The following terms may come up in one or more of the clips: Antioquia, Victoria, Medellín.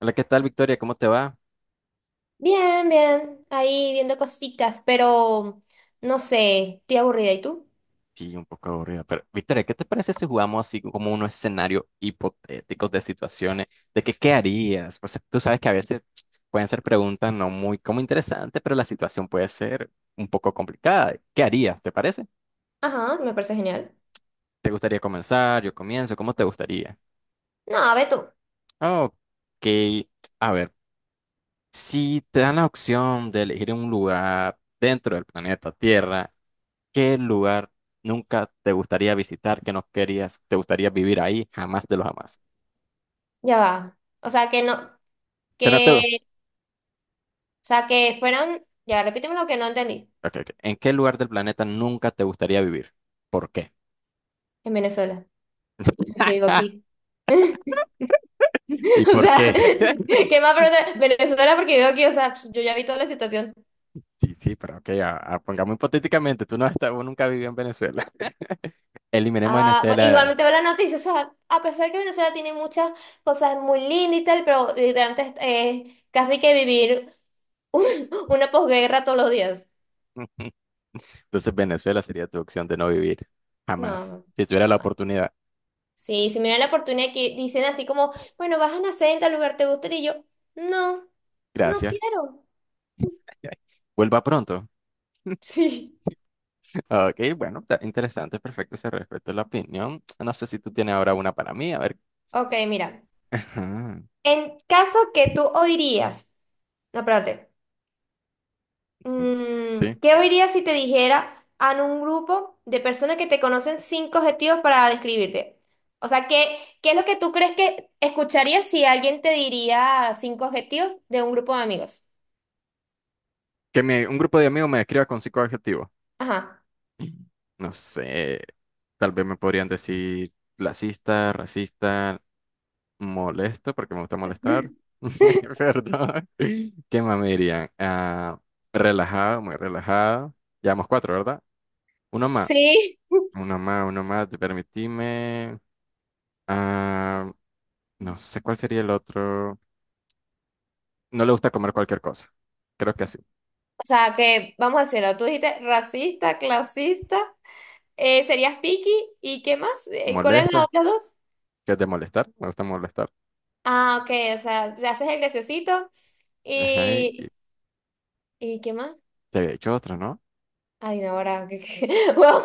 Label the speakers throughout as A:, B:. A: Hola, ¿qué tal, Victoria? ¿Cómo te va?
B: Bien, bien, ahí viendo cositas, pero no sé, estoy aburrida. ¿Y tú?
A: Sí, un poco aburrida, pero Victoria, ¿qué te parece si jugamos así como unos escenarios hipotéticos de situaciones, de que qué harías? Pues tú sabes que a veces pueden ser preguntas no muy como interesantes, pero la situación puede ser un poco complicada. ¿Qué harías? ¿Te parece?
B: Ajá, me parece genial.
A: ¿Te gustaría comenzar? Yo comienzo, ¿cómo te gustaría?
B: No, ve tú,
A: Ok, a ver, si te dan la opción de elegir un lugar dentro del planeta Tierra, ¿qué lugar nunca te gustaría visitar, que no querías, te gustaría vivir ahí, jamás de los jamás?
B: ya va. O sea, que no,
A: ¿Que no te... ok,
B: que, o sea, que fueran, ya, repíteme lo que no entendí
A: ok. ¿En qué lugar del planeta nunca te gustaría vivir? ¿Por qué?
B: en Venezuela, porque vivo aquí.
A: ¿Y
B: O
A: por
B: sea,
A: qué?
B: ¿qué más pregunta? Venezuela porque vivo aquí, o sea, yo ya vi toda la situación.
A: Sí, sí, pero ok, pongamos hipotéticamente, tú no has estado- nunca vivido en Venezuela. Eliminemos
B: Ah,
A: Venezuela.
B: igualmente veo la noticia, o sea, a pesar que Venezuela tiene muchas cosas muy lindas y tal, pero literalmente es casi que vivir. Una posguerra todos los días.
A: Entonces Venezuela sería tu opción de no vivir, jamás,
B: No,
A: si tuviera la
B: jamás.
A: oportunidad.
B: Sí, si me dan la oportunidad que dicen así como, bueno, vas a nacer en tal lugar, ¿te gustaría? Y yo, no, no
A: Gracias.
B: quiero.
A: Vuelva pronto.
B: Sí.
A: Ok, bueno, está interesante, perfecto, se respeta la opinión. No sé si tú tienes ahora una para mí, a ver.
B: Ok, mira.
A: Ajá.
B: En caso que tú oirías, no, espérate.
A: Sí.
B: ¿Qué oirías si te dijera a un grupo de personas que te conocen cinco objetivos para describirte? O sea, qué es lo que tú crees que escucharías si alguien te diría cinco objetivos de un grupo de amigos?
A: Que me- un grupo de amigos me describa con cinco adjetivos.
B: Ajá.
A: No sé, tal vez me podrían decir clasista, racista, molesto, porque me gusta molestar. Perdón. ¿Qué más me dirían? Ah, relajado, muy relajado. Llevamos cuatro, ¿verdad? Uno más,
B: Sí,
A: uno más, te permitime. Ah, no sé cuál sería el otro. No le gusta comer cualquier cosa. Creo que así.
B: o sea, que vamos a hacerlo. Tú dijiste racista, clasista, serías picky y ¿qué más? ¿Cuál es la
A: Molesto,
B: otra dos?
A: que es de molestar. Me gusta molestar.
B: Ah, ok, o sea, te haces el graciosito
A: Ajá, y
B: y... ¿Y qué más?
A: te había dicho otro, ¿no?
B: Ay, no, ahora... Bueno,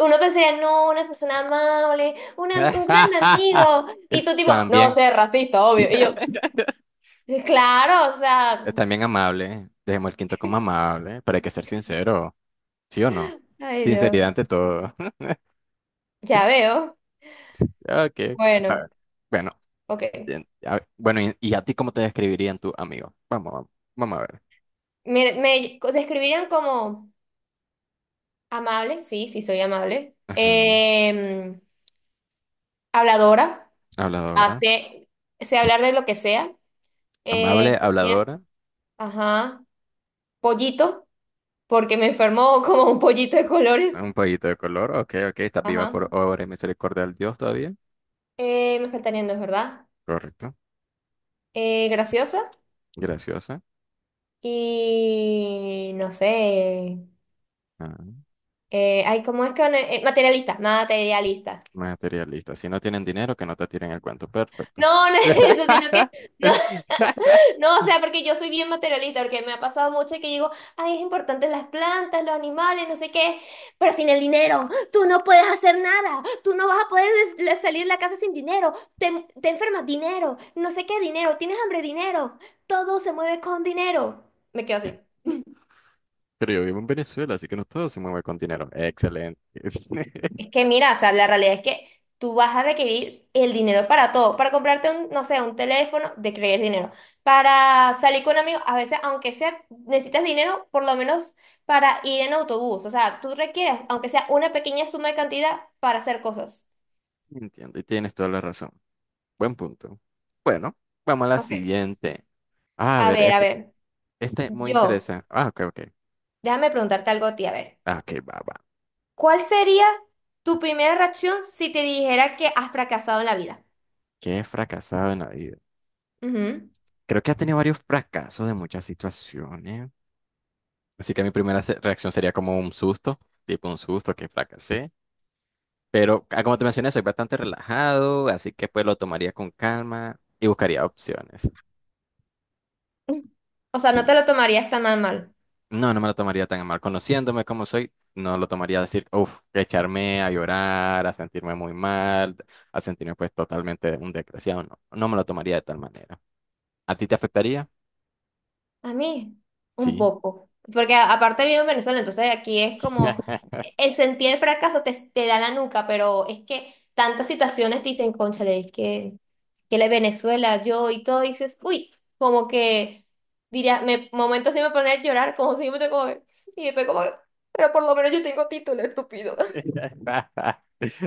B: uno pensaría, no, una persona amable, una- un gran amigo. Y tú tipo, no,
A: También.
B: sé, racista, obvio. Y yo, claro, o sea...
A: También amable. Dejemos el quinto como amable, pero hay que ser sincero. ¿Sí o no?
B: Ay, Dios,
A: Sinceridad ante todo.
B: ya veo.
A: Ok. A
B: Bueno,
A: ver, bueno,
B: ok.
A: bien, a ver, bueno, y a ti cómo te describirían tu amigo? Vamos, vamos, vamos a ver.
B: Me describirían como... Amable, sí, sí soy amable.
A: Ajá,
B: Habladora,
A: habladora.
B: hace, sé hablar de lo que sea. Eh,
A: Amable,
B: mira,
A: habladora.
B: ajá, pollito, porque me enfermó como un pollito de colores.
A: Un poquito de color. Ok, ok. Estás viva
B: Ajá.
A: por obra y misericordia del Dios todavía.
B: Me faltarían dos, ¿verdad?
A: Correcto.
B: Graciosa
A: Graciosa.
B: y no sé.
A: Ah,
B: Ay, ¿cómo es que? Materialista, materialista.
A: materialista. Si no tienen dinero, que no te tiren el cuento. Perfecto.
B: No, no es eso, sino que no. No, o sea, porque yo soy bien materialista, porque me ha pasado mucho que digo, ay, es importante las plantas, los animales, no sé qué, pero sin el dinero, tú no puedes hacer nada, tú no vas a poder salir de la casa sin dinero, te enfermas, dinero, no sé qué, dinero, tienes hambre, dinero, todo se mueve con dinero. Me quedo
A: Bien,
B: así.
A: pero yo vivo en Venezuela, así que no todo se mueve con dinero. Excelente.
B: Es que mira, o sea, la realidad es que tú vas a requerir el dinero para todo, para comprarte un, no sé, un teléfono, de requerir dinero, para salir con amigos, a veces, aunque sea, necesitas dinero por lo menos para ir en autobús, o sea, tú requieres, aunque sea una pequeña suma de cantidad para hacer cosas.
A: Entiendo, y tienes toda la razón. Buen punto. Bueno, vamos a la
B: Ok.
A: siguiente. Ah, a ver,
B: A
A: este,
B: ver,
A: este es muy
B: yo,
A: interesante. Ah, ok, ok.
B: déjame preguntarte algo a ti, a ver,
A: Ah, ok, va, va.
B: ¿cuál sería tu primera reacción si te dijera que has fracasado en la vida?
A: ¿Qué he fracasado en la vida?
B: Ujú.
A: Creo que has tenido varios fracasos de muchas situaciones. Así que mi primera reacción sería como un susto, tipo un susto que fracasé. Pero como te mencioné, soy bastante relajado, así que pues lo tomaría con calma y buscaría opciones.
B: O sea, no
A: Sí,
B: te lo tomarías tan mal mal.
A: no, no me lo tomaría tan a mal. Conociéndome como soy, no lo tomaría a decir, uff, echarme a llorar, a sentirme muy mal, a sentirme pues totalmente un desgraciado. No, no me lo tomaría de tal manera. ¿A ti te afectaría?
B: A mí, un
A: Sí.
B: poco. Porque aparte vivo en Venezuela, entonces aquí es como el sentir el fracaso te da la nuca, pero es que tantas situaciones te dicen, cónchale, es que la Venezuela, yo y todo, y dices, uy, como que diría, me momentos sí me ponía a llorar, como si yo me tengo. Y después como, pero por lo menos yo tengo título, estúpido.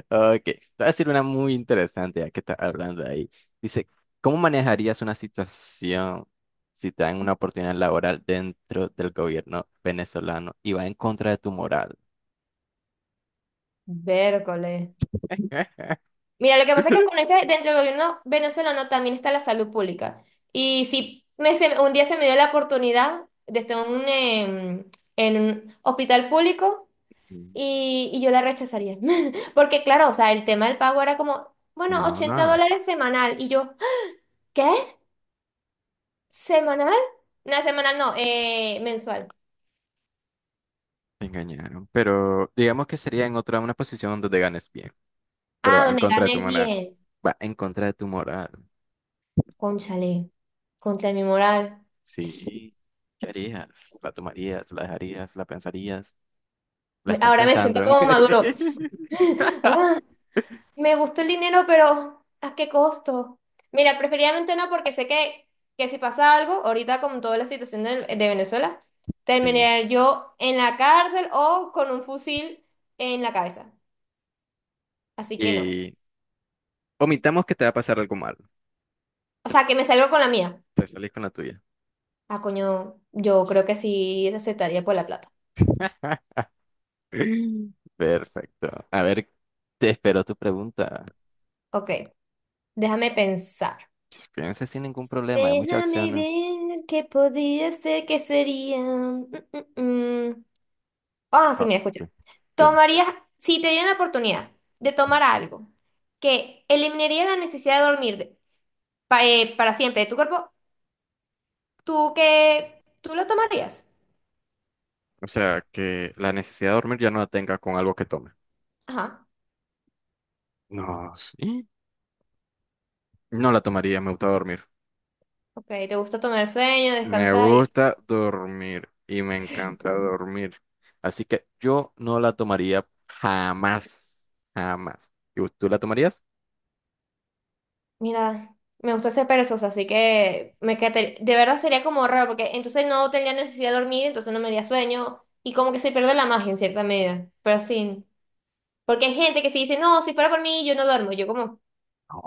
A: Ok, te voy a decir una muy interesante ya que estás hablando ahí. Dice, ¿cómo manejarías una situación si te dan una oportunidad laboral dentro del gobierno venezolano y va en contra de tu moral?
B: Vércoles. Mira, lo que pasa es que con ese, dentro del gobierno venezolano también está la salud pública. Y si me, se- un día se me dio la oportunidad de estar en un, en un hospital público
A: Mm,
B: y yo la rechazaría. Porque claro, o sea, el tema del pago era como, bueno,
A: no,
B: 80
A: no,
B: dólares semanal. Y yo, ¿qué? ¿Semanal? No, semanal no, mensual.
A: te engañaron. Pero digamos que sería en otra, una posición donde te ganes bien, pero
B: Ah,
A: va en
B: donde
A: contra de
B: gané
A: tu moral.
B: bien.
A: Va en contra de tu moral.
B: Cónchale, contra mi moral.
A: Sí. ¿Qué harías? ¿La tomarías? ¿La dejarías? ¿La pensarías? ¿La estás
B: Ahora me
A: pensando?
B: siento como maduro. Me gusta el dinero, pero ¿a qué costo? Mira, preferiblemente no, porque sé que si pasa algo, ahorita con toda la situación de Venezuela,
A: Sí.
B: terminaré yo en la cárcel o con un fusil en la cabeza. Así que no.
A: Y omitamos que te va a pasar algo malo.
B: O sea, que me salgo con la mía.
A: Te salís con la tuya.
B: Ah, coño, yo creo que sí aceptaría por la plata.
A: Perfecto. A ver, te espero tu pregunta.
B: Ok, déjame pensar.
A: Fíjense sin ningún problema, hay muchas
B: Déjame
A: acciones.
B: ver qué podría ser, qué sería. Mm, mm. Ah, sí,
A: Ah,
B: mira, escucha.
A: sí, dime.
B: Tomarías, si te dieran la oportunidad de
A: Mm.
B: tomar algo que eliminaría la necesidad de dormir para siempre de tu cuerpo, ¿tú qué? ¿Tú lo tomarías?
A: O sea, que la necesidad de dormir ya no la tenga con algo que tome.
B: Ajá.
A: No, sí. No la tomaría, me gusta dormir.
B: Ok, te gusta tomar sueño,
A: Me
B: descansar y...
A: gusta dormir y me encanta dormir. Así que yo no la tomaría jamás, jamás. ¿Y tú la tomarías?
B: Mira, me gusta ser perezosa, así que me quedaría... De verdad sería como raro, porque entonces no tendría necesidad de dormir, entonces no me haría sueño y como que se pierde la magia en cierta medida, pero sí. Porque hay gente que sí dice, no, si fuera por mí, yo no duermo. Yo como,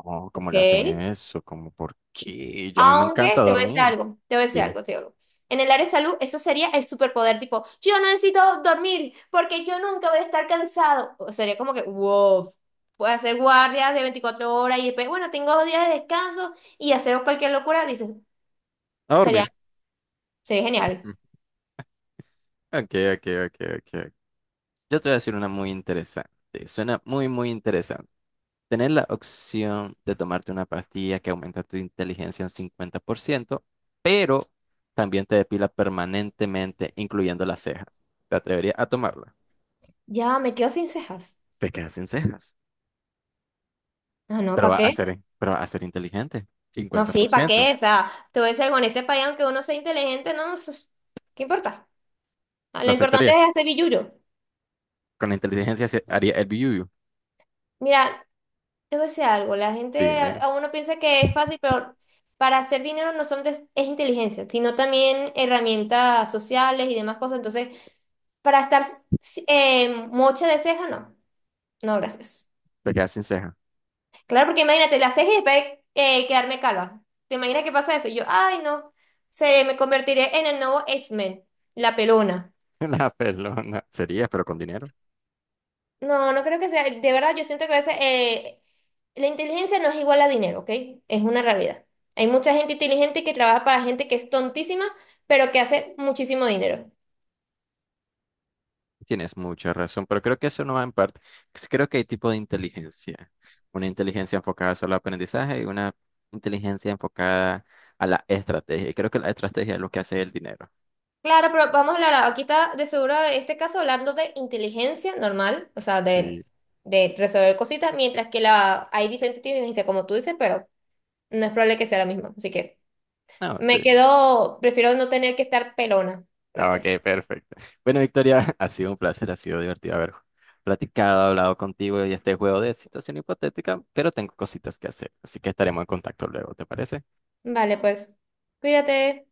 A: No, ¿cómo le hacen
B: ok.
A: eso? ¿Cómo por qué? Yo a mí me encanta
B: Aunque te voy a decir
A: dormir.
B: algo, te voy a decir
A: Dime.
B: algo, te digo algo. En el área de salud, eso sería el superpoder, tipo, yo no necesito dormir porque yo nunca voy a estar cansado. O sería como que, wow, puedes hacer guardias de 24 horas y después, bueno, tengo 2 días de descanso y hacer cualquier locura, dices,
A: A
B: sería,
A: dormir.
B: sería genial.
A: Mm. Ok, ok, ok, ok. Yo te voy a decir una muy interesante. Suena muy, muy interesante. Tener la opción de tomarte una pastilla que aumenta tu inteligencia un 50%, pero también te depila permanentemente, incluyendo las cejas. ¿Te atreverías a tomarla?
B: Ya, me quedo sin cejas.
A: Te quedas sin cejas,
B: Ah, no,
A: pero
B: ¿para
A: va a
B: qué?
A: ser, pero va a ser inteligente.
B: No, sí, ¿para
A: 50%.
B: qué? O sea, te voy a decir algo, en este país, aunque uno sea inteligente, no, no sé, ¿qué importa? Ah,
A: ¿Lo
B: lo importante
A: aceptaría?
B: es hacer billuyo.
A: Con la inteligencia se haría el biuyu.
B: Mira, te voy a decir algo, la gente,
A: Dime.
B: a uno piensa que es fácil, pero para hacer dinero no son es inteligencia, sino también herramientas sociales y demás cosas. Entonces, para estar mocha de ceja, no. No, gracias.
A: Te quedas sin ceja.
B: Claro, porque imagínate, la ceja y después quedarme calva. ¿Te imaginas qué pasa eso? Y yo, ay, no, se me convertiré en el nuevo X-Men, la pelona.
A: La pelona. Serías, pero con dinero.
B: No, no creo que sea. De verdad, yo siento que a veces la inteligencia no es igual a dinero, ¿ok? Es una realidad. Hay mucha gente inteligente que trabaja para gente que es tontísima, pero que hace muchísimo dinero.
A: Tienes mucha razón, pero creo que eso no va en parte. Creo que hay tipo de inteligencia. Una inteligencia enfocada solo al aprendizaje y una inteligencia enfocada a la estrategia. Y creo que la estrategia es lo que hace el dinero.
B: Claro, pero vamos a hablar, aquí está de seguro este caso hablando de inteligencia normal, o sea,
A: Sí.
B: de resolver cositas, mientras que la, hay diferentes inteligencias, como tú dices, pero no es probable que sea la misma. Así que
A: No,
B: me quedo, prefiero no tener que estar pelona. Gracias.
A: ok, perfecto. Bueno, Victoria, ha sido un placer, ha sido divertido haber platicado, hablado contigo y este juego de situación hipotética, pero tengo cositas que hacer, así que estaremos en contacto luego, ¿te parece?
B: Vale, pues, cuídate.